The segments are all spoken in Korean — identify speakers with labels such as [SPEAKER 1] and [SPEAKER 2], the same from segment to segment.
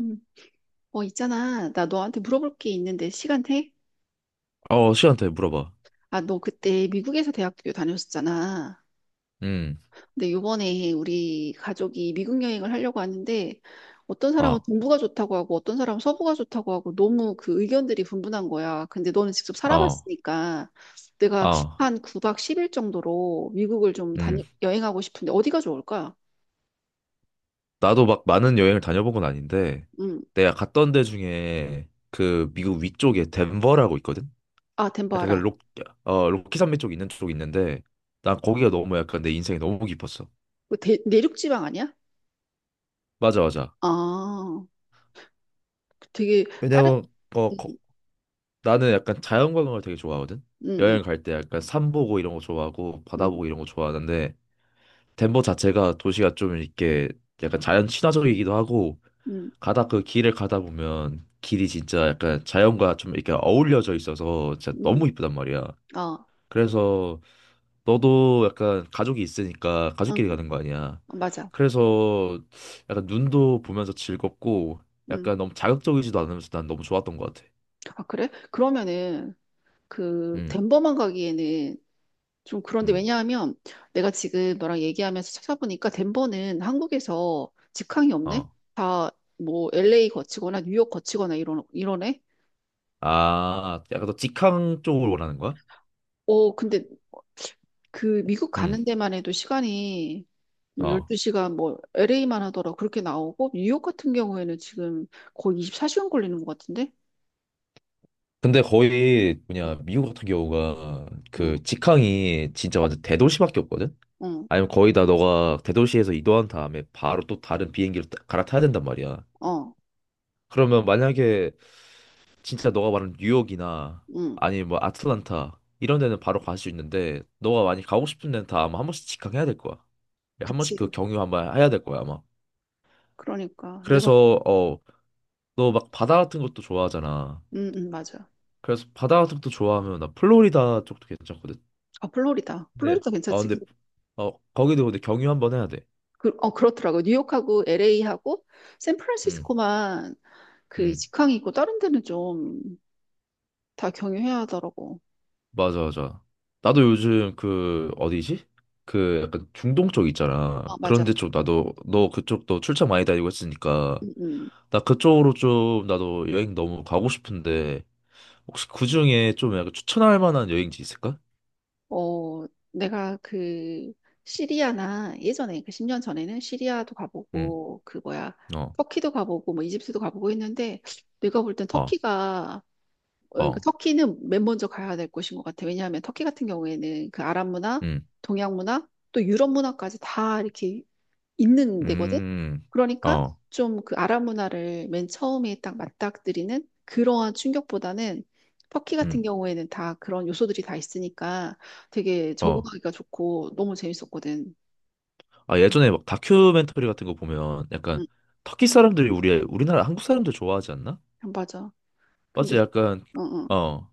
[SPEAKER 1] 음. 있잖아. 나 너한테 물어볼 게 있는데 시간 돼?
[SPEAKER 2] 어, 씨한테 물어봐.
[SPEAKER 1] 아, 너 그때 미국에서 대학교 다녔었잖아.
[SPEAKER 2] 음,
[SPEAKER 1] 근데 요번에 우리 가족이 미국 여행을 하려고 하는데 어떤 사람은
[SPEAKER 2] 아,
[SPEAKER 1] 동부가 좋다고 하고 어떤 사람은 서부가 좋다고 하고 너무 그 의견들이 분분한 거야. 근데 너는 직접
[SPEAKER 2] 아,
[SPEAKER 1] 살아봤으니까 내가
[SPEAKER 2] 아,
[SPEAKER 1] 한 9박 10일 정도로 미국을 좀
[SPEAKER 2] 음,
[SPEAKER 1] 여행하고 싶은데 어디가 좋을까?
[SPEAKER 2] 나도 막 많은 여행을 다녀본 건 아닌데,
[SPEAKER 1] 음.
[SPEAKER 2] 내가 갔던 데 중에 그 미국 위쪽에 덴버라고 있거든?
[SPEAKER 1] 아, 덴버
[SPEAKER 2] 약간 그
[SPEAKER 1] 알아.
[SPEAKER 2] 로키 산맥 쪽 있는 쪽이 있는데, 난 거기가 너무 약간 내 인생에 너무 깊었어.
[SPEAKER 1] 그 내륙 지방 아니야?
[SPEAKER 2] 맞아, 맞아.
[SPEAKER 1] 아, 되게 다른.
[SPEAKER 2] 왜냐면, 어, 거-
[SPEAKER 1] 음,
[SPEAKER 2] 나는 약간 자연관광을 되게 좋아하거든?
[SPEAKER 1] 음.
[SPEAKER 2] 여행 갈 때 약간 산 보고 이런 거 좋아하고, 바다
[SPEAKER 1] 음.
[SPEAKER 2] 보고 이런 거 좋아하는데, 덴버 자체가 도시가 좀 이렇게 약간 자연 친화적이기도 하고,
[SPEAKER 1] 음.
[SPEAKER 2] 가다 그 길을 가다 보면 길이 진짜 약간 자연과 좀 이렇게 어울려져 있어서 진짜
[SPEAKER 1] 음.
[SPEAKER 2] 너무 이쁘단 말이야.
[SPEAKER 1] 아,
[SPEAKER 2] 그래서 너도 약간 가족이 있으니까 가족끼리
[SPEAKER 1] 응,
[SPEAKER 2] 가는 거 아니야.
[SPEAKER 1] 맞아.
[SPEAKER 2] 그래서 약간 눈도 보면서 즐겁고
[SPEAKER 1] 음,
[SPEAKER 2] 약간 너무 자극적이지도 않으면서 난 너무 좋았던 것 같아.
[SPEAKER 1] 아, 그래? 그러면은, 그,
[SPEAKER 2] 응,
[SPEAKER 1] 덴버만 가기에는 좀 그런데.
[SPEAKER 2] 응,
[SPEAKER 1] 왜냐하면 내가 지금 너랑 얘기하면서 찾아보니까 덴버는 한국에서 직항이 없네?
[SPEAKER 2] 어.
[SPEAKER 1] 다 뭐 LA 거치거나 뉴욕 거치거나 이러네?
[SPEAKER 2] 아, 약간 너 직항 쪽을 원하는 거야?
[SPEAKER 1] 근데 그 미국
[SPEAKER 2] 응,
[SPEAKER 1] 가는 데만 해도 시간이 뭐
[SPEAKER 2] 어.
[SPEAKER 1] 12시간, 뭐 LA만 하더라 그렇게 나오고 뉴욕 같은 경우에는 지금 거의 24시간 걸리는 것 같은데?
[SPEAKER 2] 근데 거의 뭐냐 미국 같은 경우가
[SPEAKER 1] 어,
[SPEAKER 2] 그 직항이 진짜 완전 대도시밖에 없거든.
[SPEAKER 1] 어,
[SPEAKER 2] 아니면 거의 다 너가 대도시에서 이동한 다음에 바로 또 다른 비행기로 갈아타야 된단 말이야.
[SPEAKER 1] 어,
[SPEAKER 2] 그러면 만약에 진짜 너가 말하는 뉴욕이나
[SPEAKER 1] 응.
[SPEAKER 2] 아니면 뭐 아틀란타 이런 데는 바로 갈 수 있는데 너가 많이 가고 싶은 데는 다 아마 한 번씩 직항해야 될 거야. 예, 한 번씩
[SPEAKER 1] 그치.
[SPEAKER 2] 그 경유 한번 해야 될 거야 아마.
[SPEAKER 1] 그러니까 내가.
[SPEAKER 2] 그래서 너 막 바다 같은 것도 좋아하잖아.
[SPEAKER 1] 맞아.
[SPEAKER 2] 그래서 바다 같은 것도 좋아하면 나 플로리다 쪽도 괜찮거든.
[SPEAKER 1] 아, 플로리다.
[SPEAKER 2] 네.
[SPEAKER 1] 플로리다 괜찮지.
[SPEAKER 2] 근데
[SPEAKER 1] 그,
[SPEAKER 2] 거기도 근데 경유 한번 해야 돼.
[SPEAKER 1] 그렇더라고. 뉴욕하고 LA하고
[SPEAKER 2] 응.
[SPEAKER 1] 샌프란시스코만 그
[SPEAKER 2] 응.
[SPEAKER 1] 직항이 있고 다른 데는 좀 다 경유해야 하더라고.
[SPEAKER 2] 맞아, 맞아. 나도 요즘 그 어디지? 그 약간 중동 쪽 있잖아.
[SPEAKER 1] 아, 맞아.
[SPEAKER 2] 그런데 좀 나도 너 그쪽도 출장 많이 다니고 했으니까
[SPEAKER 1] 음, 음.
[SPEAKER 2] 나 그쪽으로 좀 나도 여행 너무 가고 싶은데 혹시 그 중에 좀 약간 추천할 만한 여행지 있을까?
[SPEAKER 1] 어 내가 그 시리아나 예전에 그 10년 전에는 시리아도
[SPEAKER 2] 응,
[SPEAKER 1] 가보고 그 뭐야
[SPEAKER 2] 어,
[SPEAKER 1] 터키도 가보고 뭐 이집트도 가보고 했는데 내가 볼 땐
[SPEAKER 2] 어,
[SPEAKER 1] 터키가, 그러니까
[SPEAKER 2] 어,
[SPEAKER 1] 터키는 맨 먼저 가야 될 곳인 것 같아. 왜냐하면 터키 같은 경우에는 그 아랍 문화,
[SPEAKER 2] 응,
[SPEAKER 1] 동양 문화, 또 유럽 문화까지 다 이렇게 있는 데거든.
[SPEAKER 2] 음,
[SPEAKER 1] 그러니까
[SPEAKER 2] 어,
[SPEAKER 1] 좀 그 아랍 문화를 맨 처음에 딱 맞닥뜨리는 그러한 충격보다는 터키
[SPEAKER 2] 응
[SPEAKER 1] 같은 경우에는 다 그런 요소들이 다 있으니까 되게
[SPEAKER 2] 어.
[SPEAKER 1] 적응하기가 좋고 너무 재밌었거든.
[SPEAKER 2] 아 예전에 막 다큐멘터리 같은 거 보면 약간
[SPEAKER 1] 응,
[SPEAKER 2] 터키 사람들이 우리나라 한국 사람들 좋아하지 않나?
[SPEAKER 1] 응, 맞아.
[SPEAKER 2] 맞지?
[SPEAKER 1] 근데
[SPEAKER 2] 약간
[SPEAKER 1] 어, 어.
[SPEAKER 2] 어.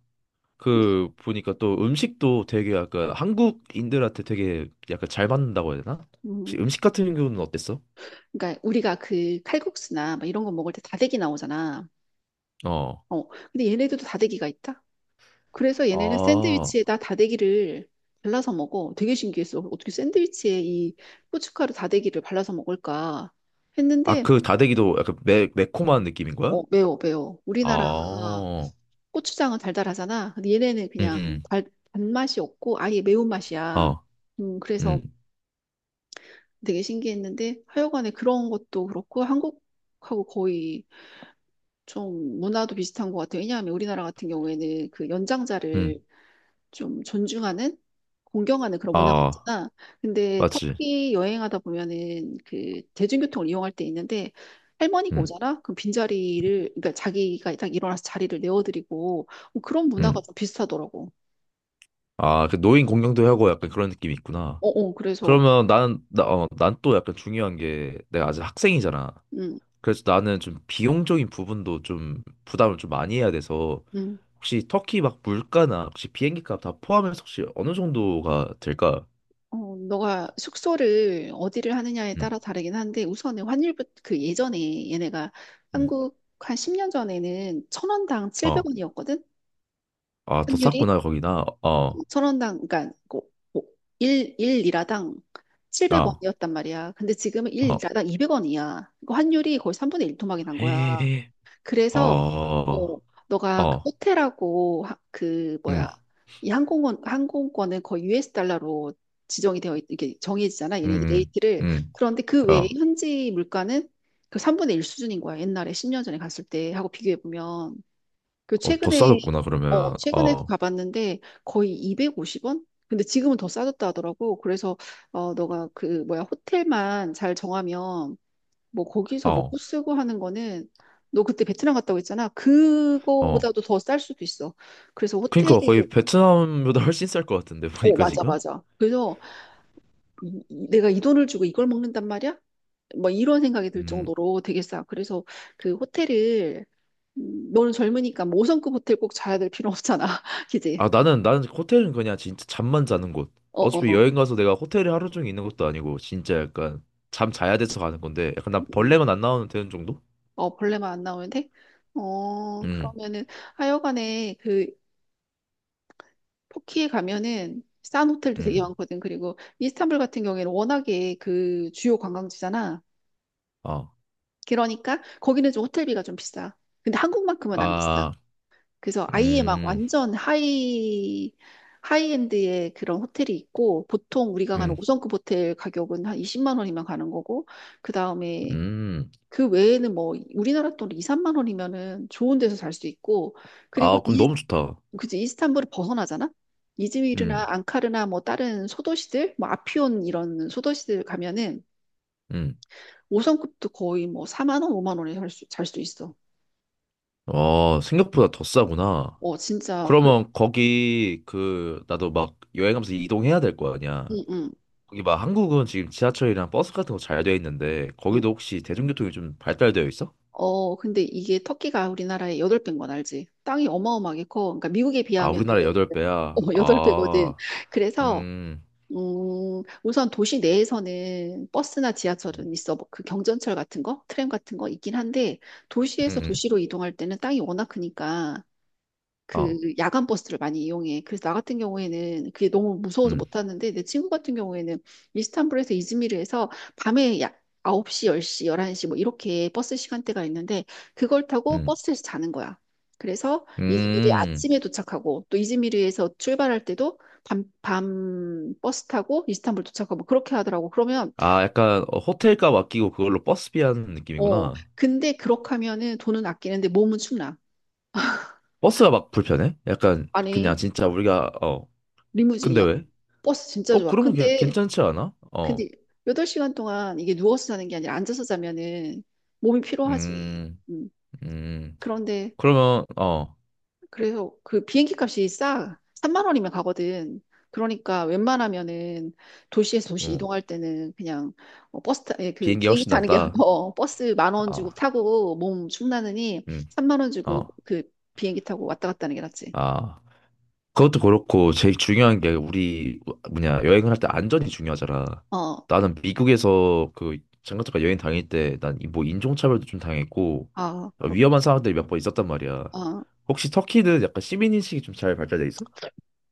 [SPEAKER 1] 이-
[SPEAKER 2] 그 보니까 또 음식도 되게 약간 한국인들한테 되게 약간 잘 맞는다고 해야 되나? 혹시
[SPEAKER 1] 음,
[SPEAKER 2] 음식 같은 경우는 어땠어?
[SPEAKER 1] 그러니까 우리가 그 칼국수나 막 이런 거 먹을 때 다대기 나오잖아.
[SPEAKER 2] 어.
[SPEAKER 1] 어, 근데 얘네들도 다대기가 있다? 그래서 얘네는
[SPEAKER 2] 아.
[SPEAKER 1] 샌드위치에다 다대기를 발라서 먹어. 되게 신기했어. 어떻게 샌드위치에 이 고춧가루 다대기를 발라서 먹을까
[SPEAKER 2] 아,
[SPEAKER 1] 했는데.
[SPEAKER 2] 그 다대기도 약간 매콤한 느낌인 거야?
[SPEAKER 1] 매워, 매워. 우리나라
[SPEAKER 2] 아.
[SPEAKER 1] 고추장은 달달하잖아. 근데 얘네는 그냥
[SPEAKER 2] 음.
[SPEAKER 1] 단맛이 없고 아예
[SPEAKER 2] 음.
[SPEAKER 1] 매운맛이야.
[SPEAKER 2] 어.
[SPEAKER 1] 그래서
[SPEAKER 2] 음.
[SPEAKER 1] 되게 신기했는데, 하여간에 그런 것도 그렇고, 한국하고 거의 좀 문화도 비슷한 것 같아요. 왜냐하면 우리나라 같은 경우에는 그
[SPEAKER 2] 음.
[SPEAKER 1] 연장자를 좀 존중하는, 공경하는 그런 문화가
[SPEAKER 2] 아,
[SPEAKER 1] 있잖아. 근데
[SPEAKER 2] 맞지.
[SPEAKER 1] 터키 여행하다 보면은 그 대중교통을 이용할 때 있는데, 할머니가
[SPEAKER 2] 음.
[SPEAKER 1] 오잖아? 그럼 빈자리를, 그러니까 자기가 딱 일어나서 자리를 내어드리고 뭐 그런 문화가
[SPEAKER 2] 음.
[SPEAKER 1] 좀 비슷하더라고.
[SPEAKER 2] 아, 그 노인 공경도 하고 약간 그런 느낌이 있구나.
[SPEAKER 1] 어, 어, 그래서,
[SPEAKER 2] 그러면 난 또 약간 중요한 게 내가 아직 학생이잖아.
[SPEAKER 1] 음,
[SPEAKER 2] 그래서 나는 좀 비용적인 부분도 좀 부담을 좀 많이 해야 돼서
[SPEAKER 1] 음.
[SPEAKER 2] 혹시 터키 막 물가나 혹시 비행기 값 다 포함해서 혹시 어느 정도가 될까?
[SPEAKER 1] 너가 숙소를 어디를 하느냐에
[SPEAKER 2] 음,
[SPEAKER 1] 따라 다르긴 한데 우선은 환율부터 그 예전에 얘네가
[SPEAKER 2] 음,
[SPEAKER 1] 한국 한 10년 전에는 천 원당
[SPEAKER 2] 어,
[SPEAKER 1] 700원이었거든?
[SPEAKER 2] 아, 더
[SPEAKER 1] 환율이?
[SPEAKER 2] 쌌구나, 거기나. 어,
[SPEAKER 1] 천 원당 그러니까 일 1, 일리라당
[SPEAKER 2] 아,
[SPEAKER 1] 700원이었단 말이야. 근데 지금은
[SPEAKER 2] 어,
[SPEAKER 1] 1리라당 200원이야. 그 환율이 거의 3분의 1 토막이 난 거야.
[SPEAKER 2] 헤헤, 어,
[SPEAKER 1] 그래서 어,
[SPEAKER 2] 어,
[SPEAKER 1] 너가 그 호텔하고 그 뭐야
[SPEAKER 2] 음,
[SPEAKER 1] 이 항공권은 거의 US 달러로 지정이 되어 이게 정해지잖아. 얘네들
[SPEAKER 2] 음, 음,
[SPEAKER 1] 레이트를.
[SPEAKER 2] 음,
[SPEAKER 1] 그런데 그 외에
[SPEAKER 2] 어,
[SPEAKER 1] 현지 물가는 그 3분의 1 수준인 거야. 옛날에 10년 전에 갔을 때 하고 비교해 보면. 그
[SPEAKER 2] 어, 더
[SPEAKER 1] 최근에
[SPEAKER 2] 싸졌구나, 그러면.
[SPEAKER 1] 최근에도
[SPEAKER 2] 어,
[SPEAKER 1] 가봤는데 거의 250원? 근데 지금은 더 싸졌다 하더라고. 그래서 너가 그 뭐야 호텔만 잘 정하면 뭐 거기서 먹고
[SPEAKER 2] 어,
[SPEAKER 1] 쓰고 하는 거는, 너 그때 베트남 갔다고 했잖아.
[SPEAKER 2] 어.
[SPEAKER 1] 그거보다도 더 쌀 수도 있어. 그래서 호텔.
[SPEAKER 2] 그러니까 거의 베트남보다 훨씬 쌀 것 같은데,
[SPEAKER 1] 어,
[SPEAKER 2] 보니까
[SPEAKER 1] 맞아,
[SPEAKER 2] 지금?
[SPEAKER 1] 맞아. 그래서 내가 이 돈을 주고 이걸 먹는단 말이야? 뭐 이런 생각이 들
[SPEAKER 2] 음,
[SPEAKER 1] 정도로 되게 싸. 그래서 그 호텔을. 너는 젊으니까 뭐 5성급 호텔 꼭 자야 될 필요 없잖아. 그지?
[SPEAKER 2] 아 나는 호텔은 그냥 진짜 잠만 자는 곳.
[SPEAKER 1] 어,
[SPEAKER 2] 어차피
[SPEAKER 1] 어,
[SPEAKER 2] 여행 가서 내가 호텔에 하루 종일 있는 것도 아니고 진짜 약간 잠 자야 돼서 가는 건데 약간 나
[SPEAKER 1] 음.
[SPEAKER 2] 벌레만 안 나오면 되는 정도?
[SPEAKER 1] 벌레만 안 나오는데?
[SPEAKER 2] 음,
[SPEAKER 1] 그러면은, 하여간에 그, 터키에 가면은 싼 호텔도 되게
[SPEAKER 2] 음,
[SPEAKER 1] 많거든. 그리고 이스탄불 같은 경우에는 워낙에 그 주요 관광지잖아.
[SPEAKER 2] 아,
[SPEAKER 1] 그러니까 거기는 좀 호텔비가 좀 비싸. 근데 한국만큼은 안 비싸.
[SPEAKER 2] 아,
[SPEAKER 1] 그래서 아예 막
[SPEAKER 2] 음,
[SPEAKER 1] 완전 하이엔드의 그런 호텔이 있고, 보통 우리가 가는
[SPEAKER 2] 음,
[SPEAKER 1] 5성급 호텔 가격은 한 20만 원이면 가는 거고, 그 다음에,
[SPEAKER 2] 음.
[SPEAKER 1] 그 외에는 뭐 우리나라 돈 2, 3만 원이면은 좋은 데서 살 수 있고, 그리고
[SPEAKER 2] 아 그럼
[SPEAKER 1] 이.
[SPEAKER 2] 너무 좋다.
[SPEAKER 1] 그치, 이스탄불을 벗어나잖아. 이즈미르나
[SPEAKER 2] 음,
[SPEAKER 1] 앙카르나 뭐 다른 소도시들, 뭐 아피온 이런 소도시들 가면은
[SPEAKER 2] 음.
[SPEAKER 1] 5성급도 거의 뭐 4만 원, 5만 원에 살 수 있어.
[SPEAKER 2] 어 생각보다 더 싸구나.
[SPEAKER 1] 진짜 그래.
[SPEAKER 2] 그러면 거기 그 나도 막 여행하면서 이동해야 될 거 아니야.
[SPEAKER 1] 응, 응,
[SPEAKER 2] 거기 막 한국은 지금 지하철이랑 버스 같은 거 잘 돼 있는데
[SPEAKER 1] 응.
[SPEAKER 2] 거기도 혹시 대중교통이 좀 발달되어 있어?
[SPEAKER 1] 근데 이게 터키가 우리나라의 8배인 건 알지? 땅이 어마어마하게 커. 그러니까 미국에
[SPEAKER 2] 아,
[SPEAKER 1] 비하면은
[SPEAKER 2] 우리나라 여덟배 야
[SPEAKER 1] 8배거든.
[SPEAKER 2] 아,
[SPEAKER 1] 그래서
[SPEAKER 2] 음,
[SPEAKER 1] 우선 도시 내에서는 버스나
[SPEAKER 2] 음,
[SPEAKER 1] 지하철은 있어. 뭐 그 경전철 같은 거, 트램 같은 거 있긴 한데 도시에서
[SPEAKER 2] 음,
[SPEAKER 1] 도시로 이동할 때는 땅이 워낙 크니까
[SPEAKER 2] 어,
[SPEAKER 1] 그 야간 버스를 많이 이용해. 그래서 나 같은 경우에는 그게 너무 무서워서
[SPEAKER 2] 음,
[SPEAKER 1] 못 탔는데, 내 친구 같은 경우에는 이스탄불에서 이즈미르에서 밤에 약 9시, 10시, 11시 뭐 이렇게 버스 시간대가 있는데 그걸 타고
[SPEAKER 2] 음,
[SPEAKER 1] 버스에서 자는 거야. 그래서 이즈미르
[SPEAKER 2] 음.
[SPEAKER 1] 아침에 도착하고 또 이즈미르에서 출발할 때도 밤 버스 타고 이스탄불 도착하고 뭐 그렇게 하더라고. 그러면.
[SPEAKER 2] 아, 약간 호텔값 아끼고 그걸로 버스비 하는
[SPEAKER 1] 어
[SPEAKER 2] 느낌이구나.
[SPEAKER 1] 근데 그렇게 하면은 돈은 아끼는데 몸은 춥나.
[SPEAKER 2] 버스가 막 불편해? 약간 그냥
[SPEAKER 1] 아니,
[SPEAKER 2] 진짜 우리가. 근데
[SPEAKER 1] 리무진이야.
[SPEAKER 2] 왜?
[SPEAKER 1] 버스 진짜
[SPEAKER 2] 어,
[SPEAKER 1] 좋아.
[SPEAKER 2] 그러면
[SPEAKER 1] 근데
[SPEAKER 2] 괜찮지 않아?
[SPEAKER 1] 근데 8시간 동안 이게 누워서 자는 게 아니라 앉아서 자면은 몸이 피로하지.
[SPEAKER 2] 음,
[SPEAKER 1] 음.
[SPEAKER 2] 음.
[SPEAKER 1] 그런데,
[SPEAKER 2] 그러면,
[SPEAKER 1] 그래서 그 비행기 값이 싸. 3만 원이면 가거든. 그러니까 웬만하면은 도시에서 도시
[SPEAKER 2] 어,
[SPEAKER 1] 이동할 때는 그냥, 예, 그
[SPEAKER 2] 비행기
[SPEAKER 1] 비행기
[SPEAKER 2] 훨씬
[SPEAKER 1] 타는 게
[SPEAKER 2] 낫다.
[SPEAKER 1] 버스 만 원 주고
[SPEAKER 2] 아,
[SPEAKER 1] 타고 몸 축나느니
[SPEAKER 2] 음,
[SPEAKER 1] 3만 원 주고
[SPEAKER 2] 어,
[SPEAKER 1] 그 비행기 타고 왔다 갔다 하는 게 낫지.
[SPEAKER 2] 아. 그것도 그렇고 제일 중요한 게 우리 뭐냐 여행을 할 때 안전이 중요하잖아.
[SPEAKER 1] 어.
[SPEAKER 2] 나는 미국에서 그 잠깐 잠깐 여행 다닐 때 난 뭐 인종차별도 좀 당했고
[SPEAKER 1] 아, 그렇게.
[SPEAKER 2] 위험한 상황들이 몇 번 있었단 말이야. 혹시 터키는 약간 시민인식이 좀 잘 발달돼 있어?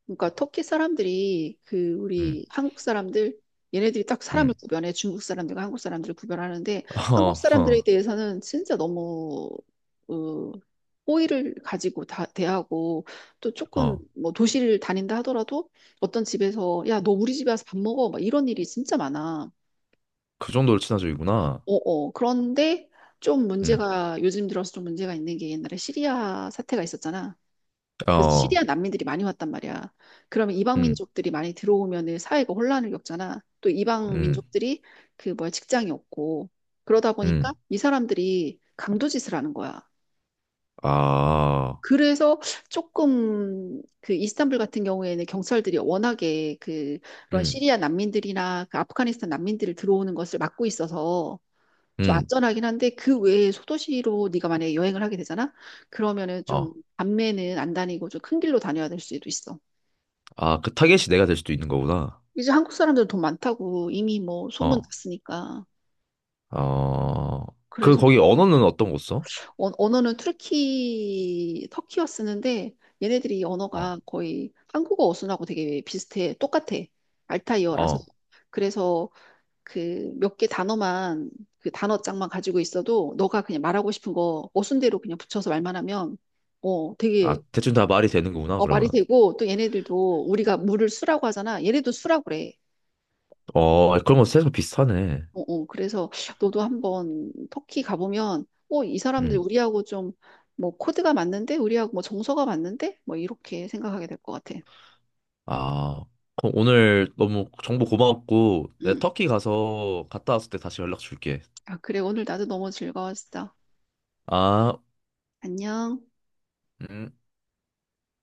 [SPEAKER 1] 그러니까 터키 사람들이 그
[SPEAKER 2] 응,
[SPEAKER 1] 우리 한국 사람들, 얘네들이 딱
[SPEAKER 2] 응.
[SPEAKER 1] 사람을 구별해. 중국 사람들과 한국 사람들을 구별하는데 한국
[SPEAKER 2] 어,
[SPEAKER 1] 사람들에
[SPEAKER 2] 어,
[SPEAKER 1] 대해서는 진짜 너무, 어, 호의를 가지고 다 대하고, 또 조금
[SPEAKER 2] 어.
[SPEAKER 1] 뭐 도시를 다닌다 하더라도 어떤 집에서 야 너 우리 집에 와서 밥 먹어 막 이런 일이 진짜 많아.
[SPEAKER 2] 그 정도로 친화적이구나.
[SPEAKER 1] 어어 그런데 좀
[SPEAKER 2] 응,
[SPEAKER 1] 문제가, 요즘 들어서 좀 문제가 있는 게, 옛날에 시리아 사태가 있었잖아. 그래서
[SPEAKER 2] 어,
[SPEAKER 1] 시리아 난민들이 많이 왔단 말이야. 그러면 이방
[SPEAKER 2] 응,
[SPEAKER 1] 민족들이 많이 들어오면은 사회가 혼란을 겪잖아. 또 이방
[SPEAKER 2] 응,
[SPEAKER 1] 민족들이 그 뭐야 직장이 없고 그러다 보니까
[SPEAKER 2] 응.
[SPEAKER 1] 이 사람들이 강도짓을 하는 거야.
[SPEAKER 2] 아,
[SPEAKER 1] 그래서 조금 그 이스탄불 같은 경우에는 경찰들이 워낙에 그 그런
[SPEAKER 2] 응,
[SPEAKER 1] 시리아 난민들이나 그 아프가니스탄 난민들을 들어오는 것을 막고 있어서 좀
[SPEAKER 2] 응.
[SPEAKER 1] 안전하긴 한데 그 외에 소도시로 네가 만약에 여행을 하게 되잖아. 그러면은 좀
[SPEAKER 2] 어.
[SPEAKER 1] 밤에는 안 다니고 좀 큰 길로 다녀야 될 수도 있어.
[SPEAKER 2] 아, 그 타겟이 내가 될 수도 있는 거구나.
[SPEAKER 1] 이제 한국 사람들 돈 많다고 이미 뭐 소문
[SPEAKER 2] 어.
[SPEAKER 1] 났으니까.
[SPEAKER 2] 어, 그,
[SPEAKER 1] 그래서
[SPEAKER 2] 거기 언어는 어떤 거 써?
[SPEAKER 1] 언어는 터키어 쓰는데 얘네들이
[SPEAKER 2] 어,
[SPEAKER 1] 언어가 거의 한국어 어순하고 되게 비슷해. 똑같아. 알타이어라서.
[SPEAKER 2] 어,
[SPEAKER 1] 그래서 그 몇 개 단어만 그 단어장만 가지고 있어도 너가 그냥 말하고 싶은 거 어순대로 그냥 붙여서 말만 하면 되게
[SPEAKER 2] 아, 대충 다 말이 되는구나,
[SPEAKER 1] 말이
[SPEAKER 2] 그러면.
[SPEAKER 1] 되고 또 얘네들도 우리가 물을 수라고 하잖아. 얘네도 수라고 그래.
[SPEAKER 2] 어, 그런 거 세서 비슷하네.
[SPEAKER 1] 그래서 너도 한번 터키 가보면, 이 사람들
[SPEAKER 2] 음.
[SPEAKER 1] 우리하고 좀, 뭐, 코드가 맞는데? 우리하고 뭐, 정서가 맞는데? 뭐, 이렇게 생각하게 될 것 같아.
[SPEAKER 2] 아, 그럼 오늘 너무 정보 고마웠고, 내
[SPEAKER 1] 응.
[SPEAKER 2] 터키 가서 갔다 왔을 때 다시 연락 줄게.
[SPEAKER 1] 아, 그래, 오늘 나도 너무 즐거웠어.
[SPEAKER 2] 아,
[SPEAKER 1] 안녕.
[SPEAKER 2] 음.